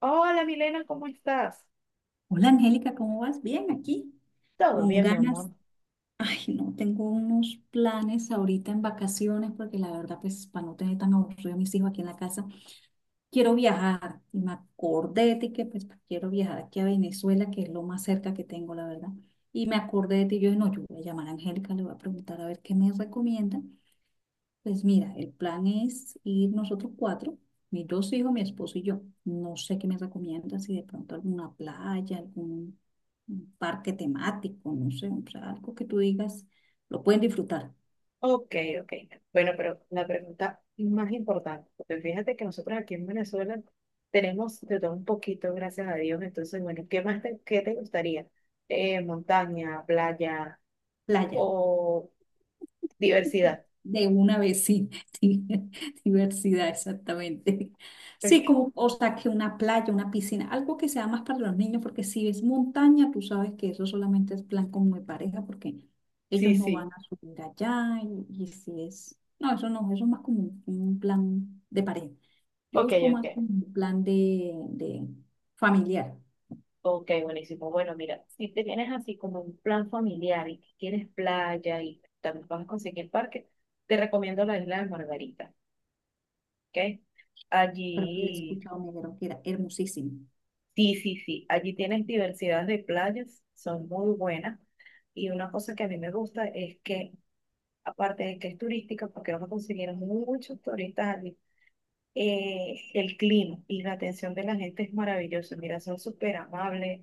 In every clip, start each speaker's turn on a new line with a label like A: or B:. A: Hola, Milena, ¿cómo estás?
B: Hola Angélica, ¿cómo vas? Bien, aquí,
A: Todo
B: con
A: bien, mi
B: ganas.
A: amor.
B: Ay, no, tengo unos planes ahorita en vacaciones porque la verdad, pues, para no tener tan aburrido a mis hijos aquí en la casa, quiero viajar. Y me acordé de ti que, pues, quiero viajar aquí a Venezuela, que es lo más cerca que tengo, la verdad. Y me acordé de ti, yo, no, yo voy a llamar a Angélica, le voy a preguntar a ver qué me recomienda. Pues mira, el plan es ir nosotros cuatro, mis dos hijos, mi esposo y yo. No sé qué me recomienda, si de pronto alguna playa, algún un parque temático, no sé, o sea, algo que tú digas, lo pueden disfrutar,
A: Ok, ok. Bueno, pero la pregunta más importante, porque fíjate que nosotros aquí en Venezuela tenemos de todo un poquito, gracias a Dios. Entonces, bueno, ¿qué te gustaría? Montaña, playa
B: playa,
A: o diversidad.
B: de una vez, sí, sí, diversidad, exactamente. Sí,
A: Ok.
B: como, o sea, que una playa, una piscina, algo que sea más para los niños, porque si es montaña, tú sabes que eso solamente es plan como de pareja, porque ellos
A: Sí,
B: no van
A: sí.
B: a subir allá, y si es, no, eso no, eso es más como un plan de pareja. Yo
A: Ok,
B: busco más
A: ok.
B: como un plan de familiar.
A: Ok, buenísimo. Bueno, mira, si te vienes así como un plan familiar y que quieres playa y también vas a conseguir parque, te recomiendo la isla de Margarita. ¿Ok?
B: Pero que le he
A: Allí,
B: escuchado negro, que era hermosísimo.
A: sí, sí, sí, allí tienes diversidad de playas, son muy buenas. Y una cosa que a mí me gusta es que, aparte de que es turística, porque vamos a conseguir muchos turistas allí, el clima y la atención de la gente es maravilloso. Mira, son súper amables.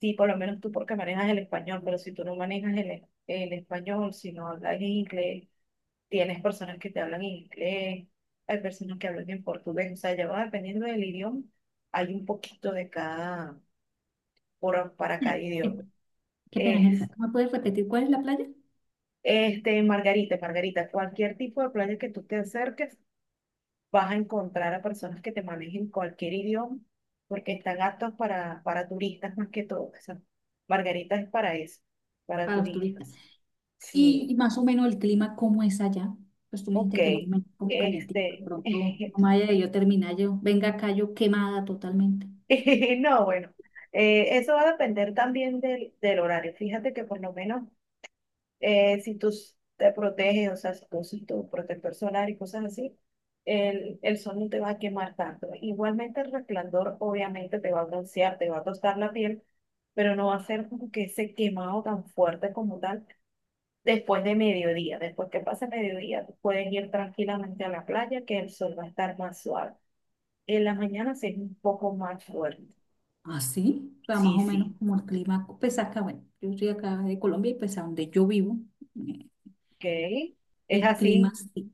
A: Sí, por lo menos tú porque manejas el español, pero si tú no manejas el español, si no hablas inglés, tienes personas que te hablan en inglés, hay personas que hablan en portugués, o sea, ya va dependiendo del idioma, hay un poquito de cada, para cada
B: Eh,
A: idioma.
B: Qué pena,
A: Es,
B: Angélica, ¿me puedes repetir cuál es la playa?
A: este, Margarita, Margarita, cualquier tipo de playa que tú te acerques, vas a encontrar a personas que te manejen cualquier idioma, porque están aptos para turistas más que todo. O sea, Margarita es para eso, para
B: Para los turistas.
A: turistas.
B: Y
A: Sí,
B: más o menos el clima, ¿cómo es allá? Pues tú me
A: ok.
B: dijiste que más o menos como calientito, de
A: Este,
B: pronto, no me haya yo terminar yo, venga acá yo quemada totalmente.
A: No, bueno, eso va a depender también del horario. Fíjate que por lo menos si te proteges, o sea, si tú usas tu protector solar y cosas así, el sol no te va a quemar tanto. Igualmente el resplandor obviamente te va a broncear, te va a tostar la piel, pero no va a ser como que ese quemado tan fuerte como tal después de mediodía. Después que pase mediodía, tú puedes ir tranquilamente a la playa que el sol va a estar más suave. En la mañana sí es un poco más fuerte.
B: ¿Ah, sí? O sea, más
A: Sí,
B: o menos
A: sí.
B: como el clima, pues acá, bueno, yo estoy acá de Colombia y pues a donde yo vivo, eh,
A: Ok, es
B: el clima
A: así,
B: sí.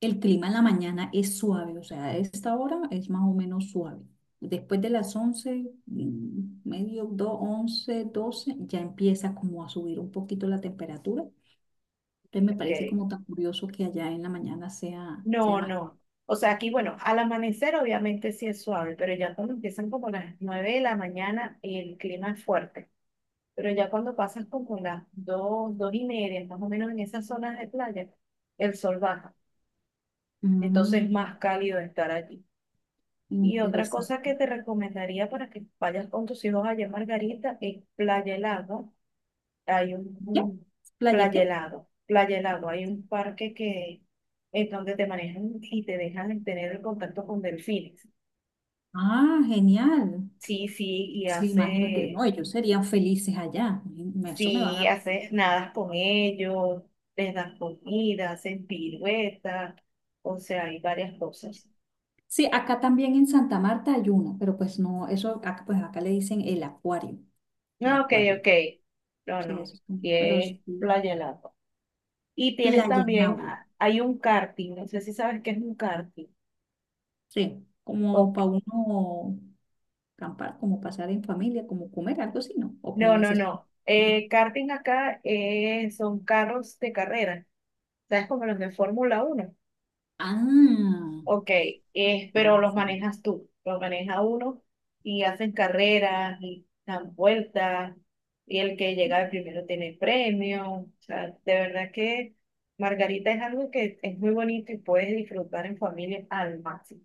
B: El clima en la mañana es suave, o sea, a esta hora es más o menos suave. Después de las 11, medio, 2, 11 12, ya empieza como a subir un poquito la temperatura. Entonces me parece
A: ok.
B: como tan curioso que allá en la mañana sea
A: No,
B: más.
A: no. O sea, aquí, bueno, al amanecer obviamente sí es suave, pero ya cuando empiezan como las 9 de la mañana, el clima es fuerte. Pero ya cuando pasas como las 2, 2 y media, más o menos en esas zonas de playa, el sol baja. Entonces
B: Mm,
A: es más cálido estar allí. Y otra cosa
B: interesante.
A: que te recomendaría para que vayas con tus hijos allá en Margarita es Playa El Agua, hay
B: ¿Qué?
A: un
B: ¿Playa qué?
A: playa helado, hay un parque que es donde te manejan y te dejan tener el contacto con delfines.
B: Ah, genial.
A: Sí, sí, y
B: Sí, imagínate,
A: hace,
B: no, ellos serían felices allá. Me- eso me van
A: sí,
B: a...
A: haces nadas con ellos, les das comida, hacen piruetas, o sea, hay varias cosas.
B: Sí, acá también en Santa Marta hay una, pero pues no, eso, acá- pues acá le dicen el acuario. El
A: No, ok,
B: acuario.
A: ok. No,
B: Sí,
A: no,
B: eso es como-
A: y
B: pero es
A: es playa helado. Y tienes
B: playa en
A: también,
B: agua.
A: ah, hay un karting, no sé si sabes qué es un karting.
B: Sí, como
A: Ok,
B: para uno acampar, como pasar en familia, como comer algo así, ¿no? O
A: no,
B: como
A: no,
B: ese
A: no.
B: estilo.
A: Karting acá son carros de carrera, ¿sabes? Como los de Fórmula 1.
B: Ah,
A: Ok, pero
B: ah,
A: los
B: sí.
A: manejas tú, los maneja uno y hacen carreras y dan vueltas y el que llega primero tiene premio. O sea, de verdad que Margarita es algo que es muy bonito y puedes disfrutar en familia al máximo.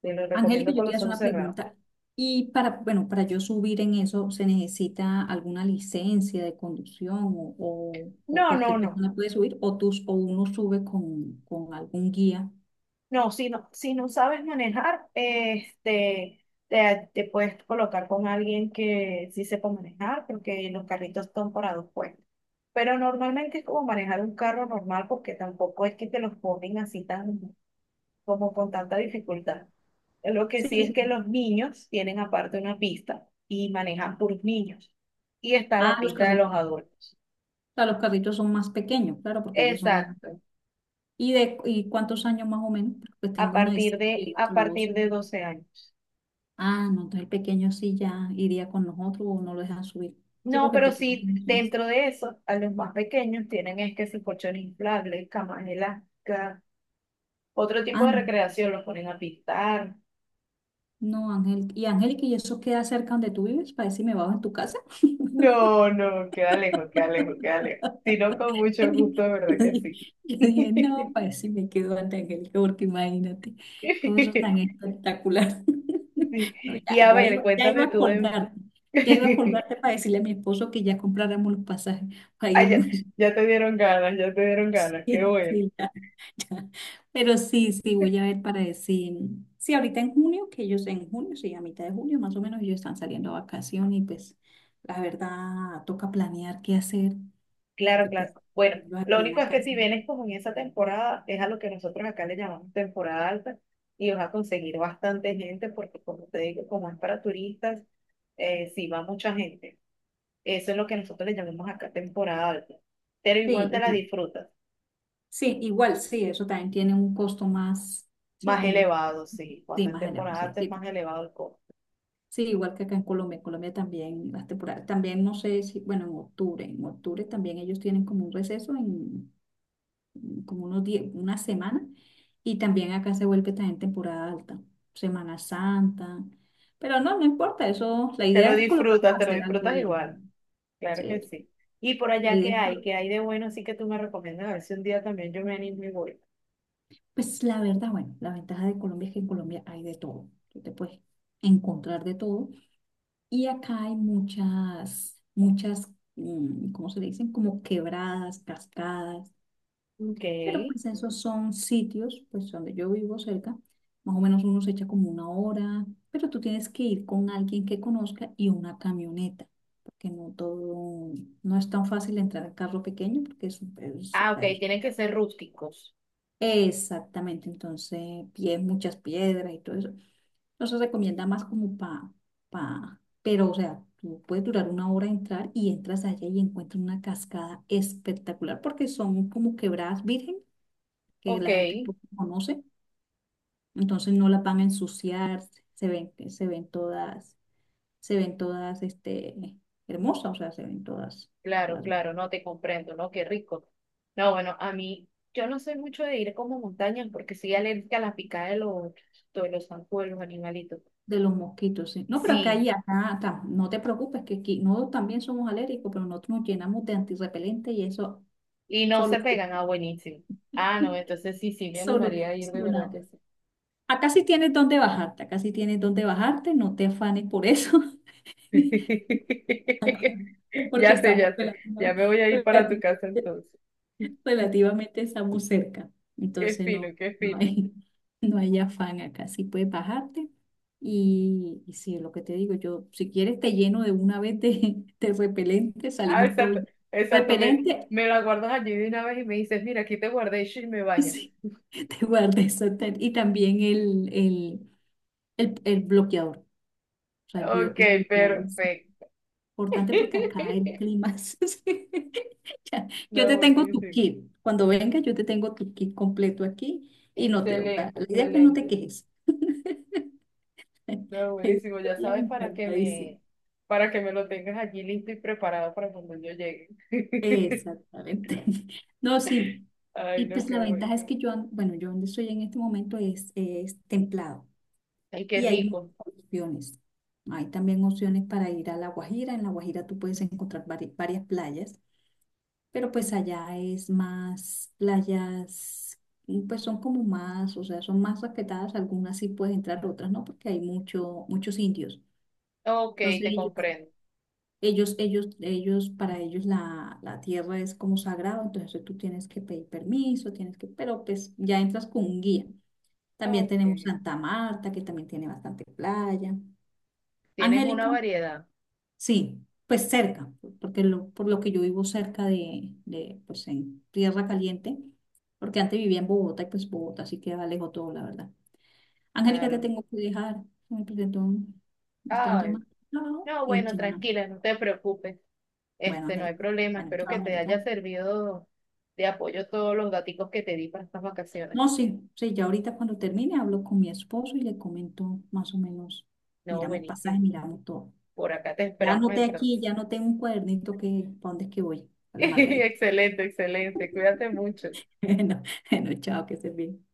A: Te lo
B: Angélica,
A: recomiendo
B: yo
A: con
B: te iba a
A: los
B: hacer
A: ojos
B: una
A: cerrados.
B: pregunta. Y para, bueno, para yo subir en eso, ¿se necesita alguna licencia de conducción o- o
A: No, no,
B: cualquier
A: no.
B: persona puede subir? ¿O, tus, o uno sube con algún guía?
A: No, si no, si no sabes manejar, este, te puedes colocar con alguien que sí sepa manejar, porque los carritos son para dos puestos. Pero normalmente es como manejar un carro normal, porque tampoco es que te los ponen así tan, como con tanta dificultad. Lo que
B: Sí,
A: sí es
B: sí.
A: que los niños tienen aparte una pista y manejan puros niños. Y está
B: Ah,
A: la
B: los
A: pista de los
B: carritos.
A: adultos.
B: O los carritos son más pequeños, claro, porque ellos son.
A: Exacto.
B: ¿Y cuántos años más o menos? Pues tengo uno de siete y
A: A
B: otro de 12.
A: partir de 12 años.
B: Ah, no, entonces el pequeño sí ya iría con nosotros o no lo dejan subir. Sí,
A: No,
B: porque el
A: pero
B: pequeño
A: sí,
B: tiene once.
A: dentro de eso, a los más pequeños tienen es que si colchones inflables, camas elásticas, otro tipo
B: Ah,
A: de recreación, los ponen a pintar.
B: no, Ángel. ¿Y Angélica, y eso queda cerca donde tú vives? Para decirme, bajo en tu casa.
A: No, no, queda lejos, queda lejos, queda lejos. Si no, con mucho gusto, de verdad que sí.
B: Yo dije, no, para decirme me quedo ante Angélica, porque imagínate, todo eso es tan espectacular.
A: Sí.
B: No, ya,
A: Y a
B: ya
A: ver,
B: iba, ya iba
A: cuéntame
B: a
A: tú de...
B: colgarte, ya iba a colgarte para decirle a mi esposo que ya compráramos los pasajes para
A: Ay, ya,
B: irnos.
A: ya te dieron ganas, ya te dieron ganas, qué
B: Sí,
A: bueno.
B: sí, ya, ya. Pero sí, sí, voy a ver para decir. Sí, ahorita en junio, que ellos en junio, sí, a mitad de junio más o menos, ellos están saliendo a vacación y pues la verdad toca planear qué hacer,
A: Claro,
B: porque
A: claro.
B: pues
A: Bueno,
B: yo
A: lo
B: aquí en
A: único
B: la
A: es que
B: casa.
A: si vienes como en esa temporada, es a lo que nosotros acá le llamamos temporada alta y vas a conseguir bastante gente porque como te digo, como es para turistas, sí va mucha gente. Eso es lo que nosotros le llamamos acá temporada alta. Pero
B: Sí,
A: igual te la
B: igu-
A: disfrutas.
B: sí, igual, sí, eso también tiene un costo más, sí,
A: Más
B: como un costo
A: elevado, sí.
B: sí,
A: Cuando es
B: más elevado,
A: temporada
B: sí,
A: alta es
B: sí.
A: más elevado el costo.
B: Sí, igual que acá en Colombia también las temporadas, también no sé si, bueno, en octubre también ellos tienen como un receso como unos una semana. Y también acá se vuelve también temporada alta, Semana Santa. Pero no, no importa, eso, la idea es colocarlos a
A: Te lo
B: hacer algo a
A: disfrutas
B: ellos, ¿no?
A: igual. Claro que
B: Sí,
A: sí. Y por
B: la
A: allá,
B: idea
A: ¿qué
B: es,
A: hay?
B: por-
A: ¿Qué hay de bueno? Así que tú me recomiendas a ver si un día también yo me animo y voy.
B: pues la verdad, bueno, la ventaja de Colombia es que en Colombia hay de todo, tú te puedes encontrar de todo. Y acá hay muchas, muchas, ¿cómo se le dicen? Como quebradas, cascadas.
A: Ok.
B: Pero pues esos son sitios, pues donde yo vivo cerca, más o menos uno se echa como una hora, pero tú tienes que ir con alguien que conozca y una camioneta, porque no todo, no es tan fácil entrar a carro pequeño, porque es- o
A: Ah, ok,
B: sea, es-
A: tienen que ser rústicos.
B: exactamente, entonces pies, muchas piedras y todo eso. Entonces recomienda más como pa, pero o sea, tú puedes durar una hora entrar y entras allá y encuentras una cascada espectacular, porque son como quebradas virgen que
A: Ok,
B: la gente poco conoce, entonces no las van a ensuciar, se ven todas, se ven todas este, hermosas, o sea, se ven todas,
A: claro,
B: todas
A: claro, no te comprendo, ¿no? Qué rico. No, bueno, a mí, yo no soy mucho de ir como montañas porque soy alérgica a la picada de los zancudos, los animalitos.
B: de los mosquitos, sí. No, pero acá
A: Sí,
B: y acá, ta- no te preocupes, que aquí no también somos alérgicos, pero nosotros nos llenamos de antirrepelente y eso
A: y no
B: solo
A: se pegan, ah, buenísimo. Ah, no, entonces sí, sí, me animaría a ir, de verdad
B: solucionado.
A: que sí.
B: Acá sí tienes dónde bajarte, acá sí tienes dónde bajarte, no te afanes por eso, porque
A: Ya sé,
B: estamos
A: ya sé,
B: relativo-
A: ya me voy a ir para tu casa
B: relativamente
A: entonces.
B: relativamente estamos cerca,
A: Qué
B: entonces
A: fino,
B: no,
A: qué
B: no
A: fino.
B: hay, no hay afán acá, sí puedes bajarte y sí, lo que te digo, yo si quieres te lleno de una vez de, de repelente,
A: Ah,
B: salimos todos
A: exacto,
B: llenos.
A: exacto. Me,
B: Repelente,
A: me la guardas allí de una vez y me dices, mira, aquí te guardé y shi, me bañas.
B: sí, te guardé eso tal, y también el bloqueador, o sea, el, bio-
A: Ok,
B: el bloqueador.
A: perfecto.
B: Importante porque acá el clima es... ya. Yo te
A: No,
B: tengo tu
A: buenísimo.
B: kit. Cuando venga, yo te tengo tu kit completo aquí y no te... o sea,
A: Excelente,
B: la idea es que no te
A: excelente.
B: quejes. La
A: No,
B: idea es
A: buenísimo.
B: que
A: Ya
B: vayas
A: sabes
B: encantadísimo.
A: para que me lo tengas allí listo y preparado para cuando yo llegue.
B: Exactamente. No, sí.
A: Ay,
B: Y
A: no,
B: pues la
A: qué bueno.
B: ventaja es que yo, an- bueno, yo donde estoy en este momento es templado
A: Ay, qué
B: y hay muchas
A: rico.
B: opciones. Hay también opciones para ir a La Guajira. En La Guajira tú puedes encontrar vari- varias playas. Pero pues
A: Mm.
B: allá es más playas, y, pues son como más, o sea, son más respetadas, algunas sí puedes entrar, otras no, porque hay mucho, muchos indios.
A: Ok,
B: Entonces
A: te
B: ellos,
A: comprendo.
B: ellos, ellos, ellos, para ellos la, la tierra es como sagrado, entonces tú tienes que pedir permiso, tienes que, pero pues ya entras con un guía. También
A: Ok.
B: tenemos Santa Marta, que también tiene bastante playa.
A: Tienes una
B: Angélica,
A: variedad.
B: sí, pues cerca, porque lo, por lo que yo vivo cerca de, pues en Tierra Caliente, porque antes vivía en Bogotá y pues Bogotá sí queda lejos todo, la verdad. Angélica, te
A: Claro.
B: tengo que dejar. Me presentó un- me están
A: Ay,
B: llamando. No,
A: no,
B: y
A: bueno,
B: chino.
A: tranquila, no te preocupes.
B: Bueno,
A: Este, no hay
B: Angélica.
A: problema.
B: Bueno,
A: Espero
B: chao,
A: que te
B: Angélica.
A: haya servido de apoyo todos los daticos que te di para estas
B: No,
A: vacaciones.
B: sí, sí, ya ahorita cuando termine hablo con mi esposo y le comento más o menos,
A: No,
B: miramos pasajes,
A: buenísimo.
B: miramos todo.
A: Por acá te
B: Ya
A: esperamos
B: anoté aquí,
A: entonces.
B: ya anoté un cuadernito que, ¿para dónde es que voy? A la Margarita.
A: Excelente, excelente. Cuídate mucho.
B: Bueno, bueno, chao, que se bien.